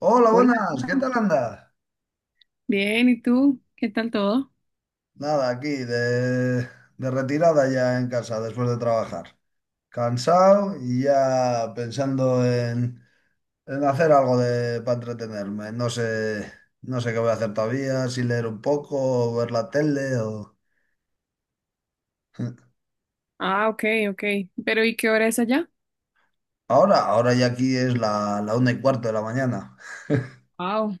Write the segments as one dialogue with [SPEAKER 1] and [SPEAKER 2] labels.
[SPEAKER 1] Hola,
[SPEAKER 2] Hola,
[SPEAKER 1] buenas, ¿qué tal andas?
[SPEAKER 2] bien, ¿y tú? ¿Qué tal todo?
[SPEAKER 1] Nada, aquí de retirada ya en casa después de trabajar. Cansado y ya pensando en hacer algo para entretenerme. No sé qué voy a hacer todavía, si leer un poco, o ver la tele o...
[SPEAKER 2] Ah, ok, ok. Pero ¿y qué hora es allá?
[SPEAKER 1] Ahora ya aquí es la 1:15 de la mañana.
[SPEAKER 2] Wow,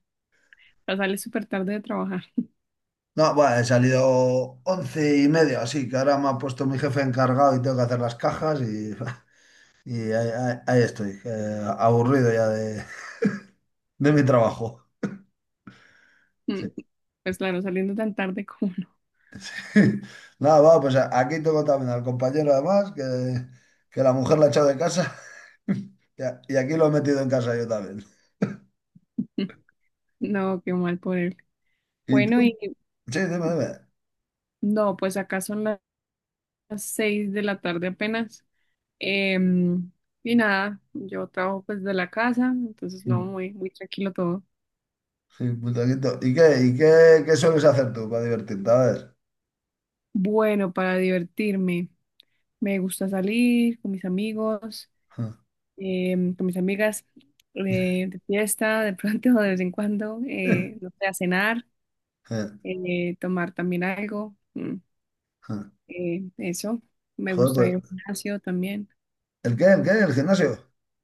[SPEAKER 2] ya sales súper tarde de trabajar.
[SPEAKER 1] No, bueno, he salido 11:30, así que ahora me ha puesto mi jefe encargado y tengo que hacer las cajas y... Y ahí estoy, aburrido ya de, de mi trabajo.
[SPEAKER 2] Mm.
[SPEAKER 1] Sí.
[SPEAKER 2] Pues claro, saliendo tan tarde como no.
[SPEAKER 1] Nada, va, pues aquí tengo también al compañero además, que la mujer la ha echado de casa y y aquí lo he metido en casa yo también.
[SPEAKER 2] No, qué mal por él.
[SPEAKER 1] ¿Y
[SPEAKER 2] Bueno,
[SPEAKER 1] tú?
[SPEAKER 2] y
[SPEAKER 1] Sí, dime, dime.
[SPEAKER 2] no, pues acá son las 6 de la tarde apenas. Em, y nada, yo trabajo pues de la casa, entonces no,
[SPEAKER 1] Mm.
[SPEAKER 2] muy tranquilo todo.
[SPEAKER 1] Sí, putaquito. ¿Qué sueles hacer tú para divertirte? A ver.
[SPEAKER 2] Bueno, para divertirme, me gusta salir con mis amigos. Con mis amigas de fiesta, de pronto, de vez en cuando, no sé, a cenar, tomar también algo. Eh, eso, Me gusta
[SPEAKER 1] Joder,
[SPEAKER 2] ir al
[SPEAKER 1] pues,
[SPEAKER 2] gimnasio también.
[SPEAKER 1] ¿el qué? ¿El qué? ¿El gimnasio?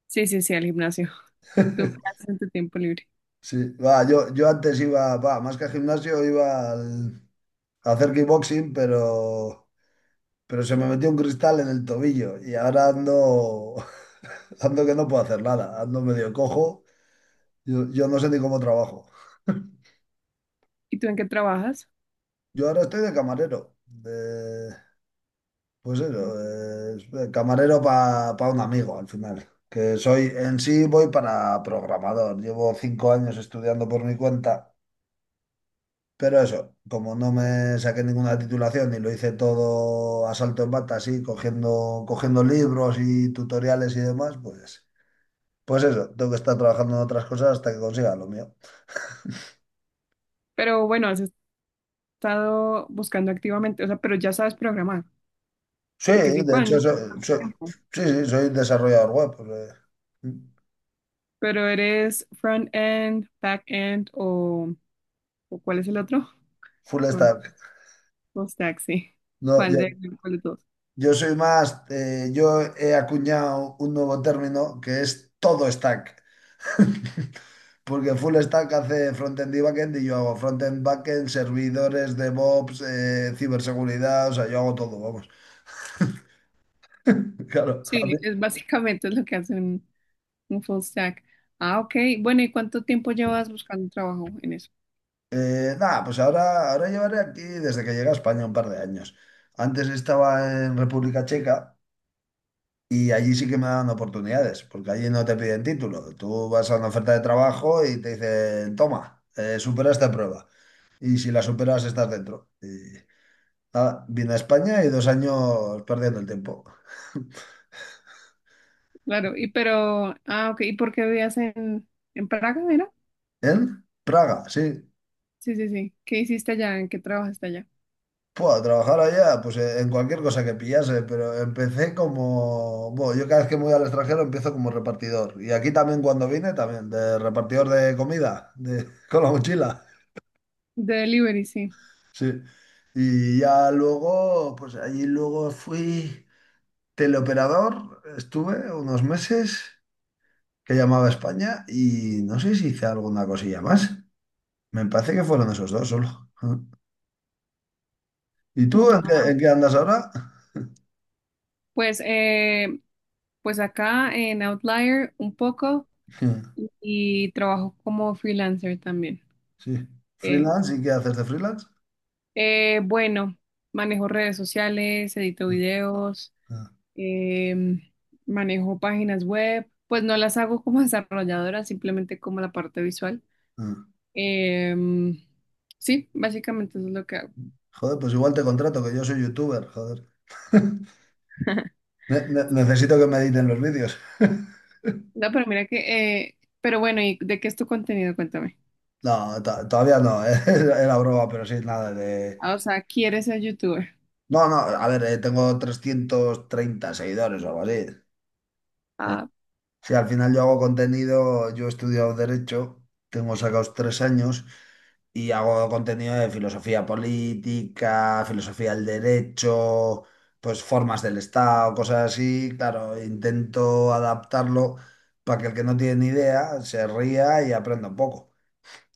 [SPEAKER 2] Sí, sí, sí, al gimnasio. ¿Tú qué haces en tu tiempo libre?
[SPEAKER 1] Sí, va, yo antes iba, va, más que al gimnasio iba a hacer kickboxing, pero se me metió un cristal en el tobillo y ahora ando, ando que no puedo hacer nada, ando medio cojo. Yo no sé ni cómo trabajo.
[SPEAKER 2] ¿Y tú en qué trabajas?
[SPEAKER 1] Yo ahora estoy de camarero, pues eso,
[SPEAKER 2] Mm.
[SPEAKER 1] de camarero para un amigo al final. Que soy, en sí voy para programador. Llevo 5 años estudiando por mi cuenta, pero eso, como no me saqué ninguna titulación y lo hice todo a salto en bata, así, cogiendo libros y tutoriales y demás, pues. Pues eso, tengo que estar trabajando en otras cosas hasta que consiga lo mío.
[SPEAKER 2] Pero bueno, has estado buscando activamente, o sea, pero ya sabes programar,
[SPEAKER 1] Sí,
[SPEAKER 2] porque cinco
[SPEAKER 1] de hecho,
[SPEAKER 2] años. es harto
[SPEAKER 1] so-
[SPEAKER 2] tiempo.
[SPEAKER 1] sí, sí, soy desarrollador web, pues, eh,
[SPEAKER 2] Pero ¿eres front-end, back-end o cuál es el otro?
[SPEAKER 1] full
[SPEAKER 2] No, es
[SPEAKER 1] stack.
[SPEAKER 2] full stack, sí.
[SPEAKER 1] No,
[SPEAKER 2] ¿Cuál de,
[SPEAKER 1] yo,
[SPEAKER 2] ¿Cuál de todos?
[SPEAKER 1] yo soy más, yo he acuñado un nuevo término que es todo stack. Porque full stack hace frontend y backend y yo hago frontend, backend, servidores, DevOps, ciberseguridad, o sea, yo hago todo, vamos. Claro, a mí.
[SPEAKER 2] Sí, es básicamente es lo que hace un full stack. Ah, ok. Bueno, ¿y cuánto tiempo llevas buscando trabajo en eso?
[SPEAKER 1] Nada, pues ahora llevaré aquí desde que llegué a España un par de años. Antes estaba en República Checa y allí sí que me daban oportunidades, porque allí no te piden título. Tú vas a una oferta de trabajo y te dicen, toma, supera esta prueba. Y si la superas, estás dentro. Y nada, vine a España y 2 años perdiendo el tiempo.
[SPEAKER 2] Ah, ok, ¿y por qué vivías en Praga, era?
[SPEAKER 1] En Praga, sí.
[SPEAKER 2] Sí, sí, sí. ¿Qué hiciste allá? ¿En qué trabajaste allá?
[SPEAKER 1] Puedo trabajar allá, pues en cualquier cosa que pillase, pero empecé como, bueno, yo cada vez que me voy al extranjero empiezo como repartidor. Y aquí también cuando vine, también, de repartidor de comida, con la mochila.
[SPEAKER 2] De delivery, sí.
[SPEAKER 1] Sí. Y ya luego, pues allí luego fui teleoperador, estuve unos meses que llamaba a España y no sé si hice alguna cosilla más. Me parece que fueron esos dos solo. ¿Y tú en qué,
[SPEAKER 2] Ujú.
[SPEAKER 1] en qué andas ahora?
[SPEAKER 2] Pues, eh, pues acá en Outlier un poco y trabajo como freelancer también.
[SPEAKER 1] Sí.
[SPEAKER 2] Eh,
[SPEAKER 1] ¿Freelance? ¿Y qué haces de freelance?
[SPEAKER 2] bueno, manejo redes sociales, edito
[SPEAKER 1] Mm,
[SPEAKER 2] videos.
[SPEAKER 1] mm,
[SPEAKER 2] em, Manejo páginas web, pues no las hago como desarrolladora, simplemente como la parte visual.
[SPEAKER 1] mm.
[SPEAKER 2] Em, sí, básicamente eso es lo que hago.
[SPEAKER 1] Joder, pues igual te contrato, que yo soy youtuber, joder. Necesito que me editen los vídeos.
[SPEAKER 2] No, pero mira que, Pero bueno, ¿y de qué es tu contenido? Cuéntame.
[SPEAKER 1] No, todavía no, era broma, pero sí, nada de...
[SPEAKER 2] Ah, o sea, ¿quieres ser youtuber?
[SPEAKER 1] No, no, a ver, tengo 330 seguidores o algo así. Sí.
[SPEAKER 2] Ah,
[SPEAKER 1] Sí, al final yo hago contenido, yo he estudiado Derecho, tengo sacados 3 años y hago contenido de filosofía política, filosofía del derecho, pues formas del Estado, cosas así. Claro, intento adaptarlo para que el que no tiene ni idea se ría y aprenda un poco.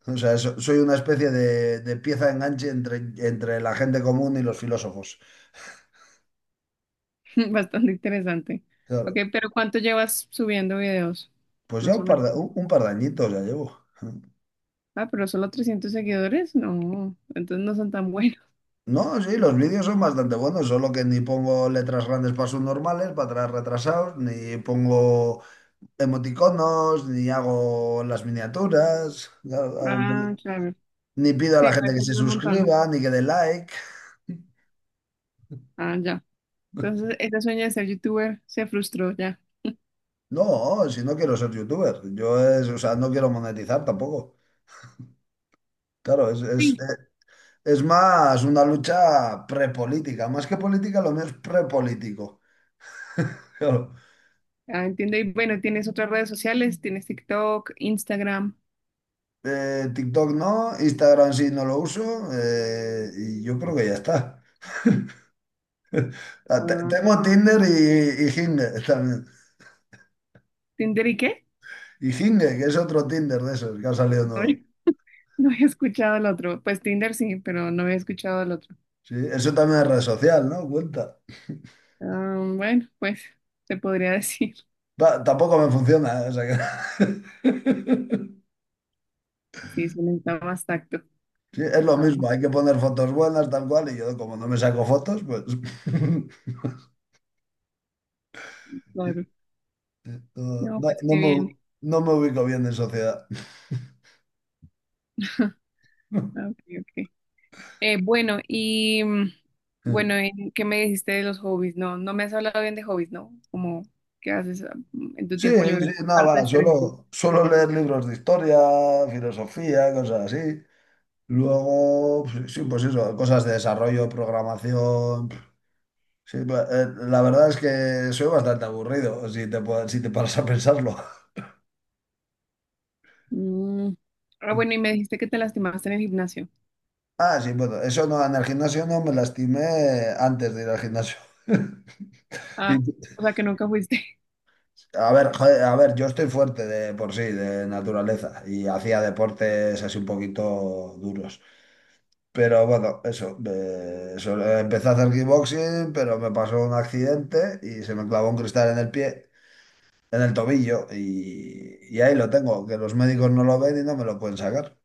[SPEAKER 1] O sea, soy una especie de pieza de enganche entre la gente común y los filósofos.
[SPEAKER 2] bastante interesante. Ok,
[SPEAKER 1] Claro,
[SPEAKER 2] pero ¿cuánto llevas subiendo videos?
[SPEAKER 1] pues ya
[SPEAKER 2] Más
[SPEAKER 1] un
[SPEAKER 2] o
[SPEAKER 1] par
[SPEAKER 2] menos.
[SPEAKER 1] de, un, un par de añitos ya llevo.
[SPEAKER 2] Ah, pero solo 300 seguidores, no, entonces no son tan buenos.
[SPEAKER 1] No, sí, los vídeos son bastante buenos, solo que ni pongo letras grandes para normales para atrás retrasados, ni pongo emoticonos, ni hago las miniaturas, claro, hago un
[SPEAKER 2] Ah,
[SPEAKER 1] poco-
[SPEAKER 2] claro.
[SPEAKER 1] ni pido a
[SPEAKER 2] Sí,
[SPEAKER 1] la
[SPEAKER 2] me
[SPEAKER 1] gente que se
[SPEAKER 2] ayuda un montón.
[SPEAKER 1] suscriba, ni que dé like.
[SPEAKER 2] Ah, ya. Entonces, ese sueño de ser youtuber se frustró ya.
[SPEAKER 1] No, si no quiero ser youtuber, yo es, o sea, no quiero monetizar tampoco. Claro,
[SPEAKER 2] Sí.
[SPEAKER 1] es más una lucha prepolítica, más que política, lo mío es prepolítico. Claro.
[SPEAKER 2] Ah, entiendo. Y bueno, ¿tienes otras redes sociales? ¿Tienes TikTok, Instagram?
[SPEAKER 1] TikTok no, Instagram sí no lo uso, y yo creo que ya está. Ah, tengo
[SPEAKER 2] Ah,
[SPEAKER 1] Tinder y Hinge también.
[SPEAKER 2] ¿Tinder y qué?
[SPEAKER 1] Y Hinge, que es otro Tinder de esos que ha salido
[SPEAKER 2] No,
[SPEAKER 1] nuevo.
[SPEAKER 2] no había escuchado el otro. Pues Tinder sí, pero no había escuchado el otro.
[SPEAKER 1] Sí, eso también es red social, ¿no? Cuenta.
[SPEAKER 2] Ah, bueno, pues se podría decir.
[SPEAKER 1] Va, tampoco me funciona, ¿eh? O sea que-
[SPEAKER 2] Sí, se necesita más tacto.
[SPEAKER 1] Sí, es lo
[SPEAKER 2] Ah,
[SPEAKER 1] mismo, hay que poner fotos buenas, tal cual, y yo como no me saco fotos, pues
[SPEAKER 2] claro.
[SPEAKER 1] no,
[SPEAKER 2] No,
[SPEAKER 1] no-
[SPEAKER 2] pues
[SPEAKER 1] no
[SPEAKER 2] qué bien.
[SPEAKER 1] me, no me ubico bien en sociedad.
[SPEAKER 2] Ah, ok, ok. Eh, bueno, y mm, bueno, ¿en qué me dijiste de los hobbies? No, no me has hablado bien de hobbies, ¿no? Como, ¿qué haces en tu
[SPEAKER 1] Sí,
[SPEAKER 2] tiempo libre,
[SPEAKER 1] sí, nada,
[SPEAKER 2] aparte de
[SPEAKER 1] va,
[SPEAKER 2] estar en ti?
[SPEAKER 1] suelo leer libros de historia, filosofía, cosas así. Luego, pues, sí, pues eso, cosas de desarrollo, programación. Sí, la verdad es que soy bastante aburrido, si te paras a pensarlo.
[SPEAKER 2] Mm. Ah, bueno, y me dijiste que te lastimaste en el gimnasio.
[SPEAKER 1] Ah, sí, bueno, eso no, en el gimnasio no me lastimé antes de ir al gimnasio.
[SPEAKER 2] Ah,
[SPEAKER 1] Y-
[SPEAKER 2] o sea, que nunca fuiste.
[SPEAKER 1] a ver, joder, a ver, yo estoy fuerte de por sí, de naturaleza, y hacía deportes así un poquito duros. Pero bueno, eso, eso, empecé a hacer kickboxing, pero me pasó un accidente y se me clavó un cristal en el pie, en el tobillo, y ahí lo tengo, que los médicos no lo ven y no me lo pueden sacar.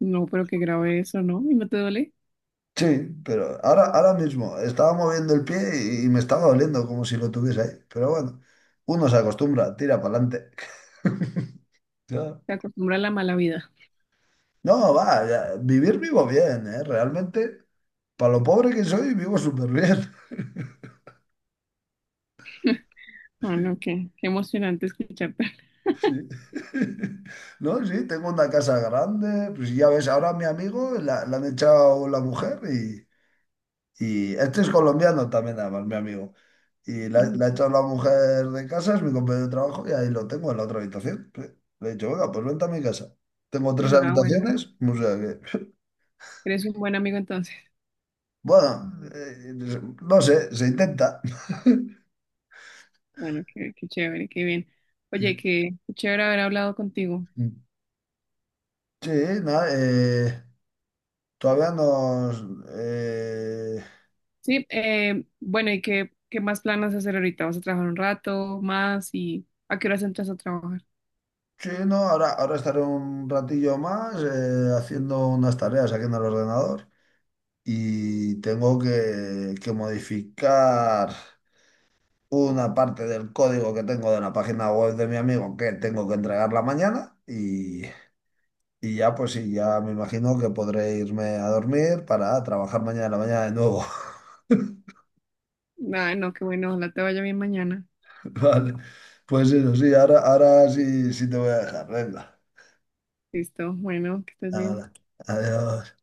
[SPEAKER 2] No, pero qué grave eso, ¿no? ¿Y no te duele?
[SPEAKER 1] Sí, pero ahora mismo estaba moviendo el pie y me estaba doliendo como si lo tuviese ahí. Pero bueno, uno se acostumbra, tira para adelante. Ya.
[SPEAKER 2] Te acostumbra a la mala vida.
[SPEAKER 1] No, va, ya, vivir vivo bien, ¿eh? Realmente, para lo pobre que soy, vivo súper bien.
[SPEAKER 2] Bueno, qué emocionante escucharte.
[SPEAKER 1] Sí. No, sí, tengo una casa grande. Pues ya ves, ahora a mi amigo la han echado la mujer y este es colombiano también, además, mi amigo. Y la,
[SPEAKER 2] Mm.
[SPEAKER 1] la ha hecho la mujer de casa, es mi compañero de trabajo, y ahí lo tengo en la otra habitación. Sí. Le he dicho, venga, pues vente a mi casa. Tengo tres
[SPEAKER 2] Ah, bueno,
[SPEAKER 1] habitaciones, o sea que,
[SPEAKER 2] eres un buen amigo entonces.
[SPEAKER 1] bueno, no sé, se intenta.
[SPEAKER 2] Bueno, qué chévere, qué bien. Oye, qué chévere haber hablado contigo.
[SPEAKER 1] Sí, nada, todavía nos... eh,
[SPEAKER 2] Sí, bueno, ¿y qué más planas hacer ahorita? ¿Vas a trabajar un rato más y a qué horas entras a trabajar?
[SPEAKER 1] sí, no, ahora estaré un ratillo más haciendo unas tareas aquí en el ordenador y tengo que modificar una parte del código que tengo de la página web de mi amigo que tengo que entregarla mañana y ya pues sí, ya me imagino que podré irme a dormir para trabajar mañana en la mañana de nuevo.
[SPEAKER 2] Ah, no, qué bueno, ojalá te vaya bien mañana.
[SPEAKER 1] Vale, pues eso sí, ahora sí te voy a dejar, venga.
[SPEAKER 2] Listo, bueno, que estés bien.
[SPEAKER 1] Hala, adiós.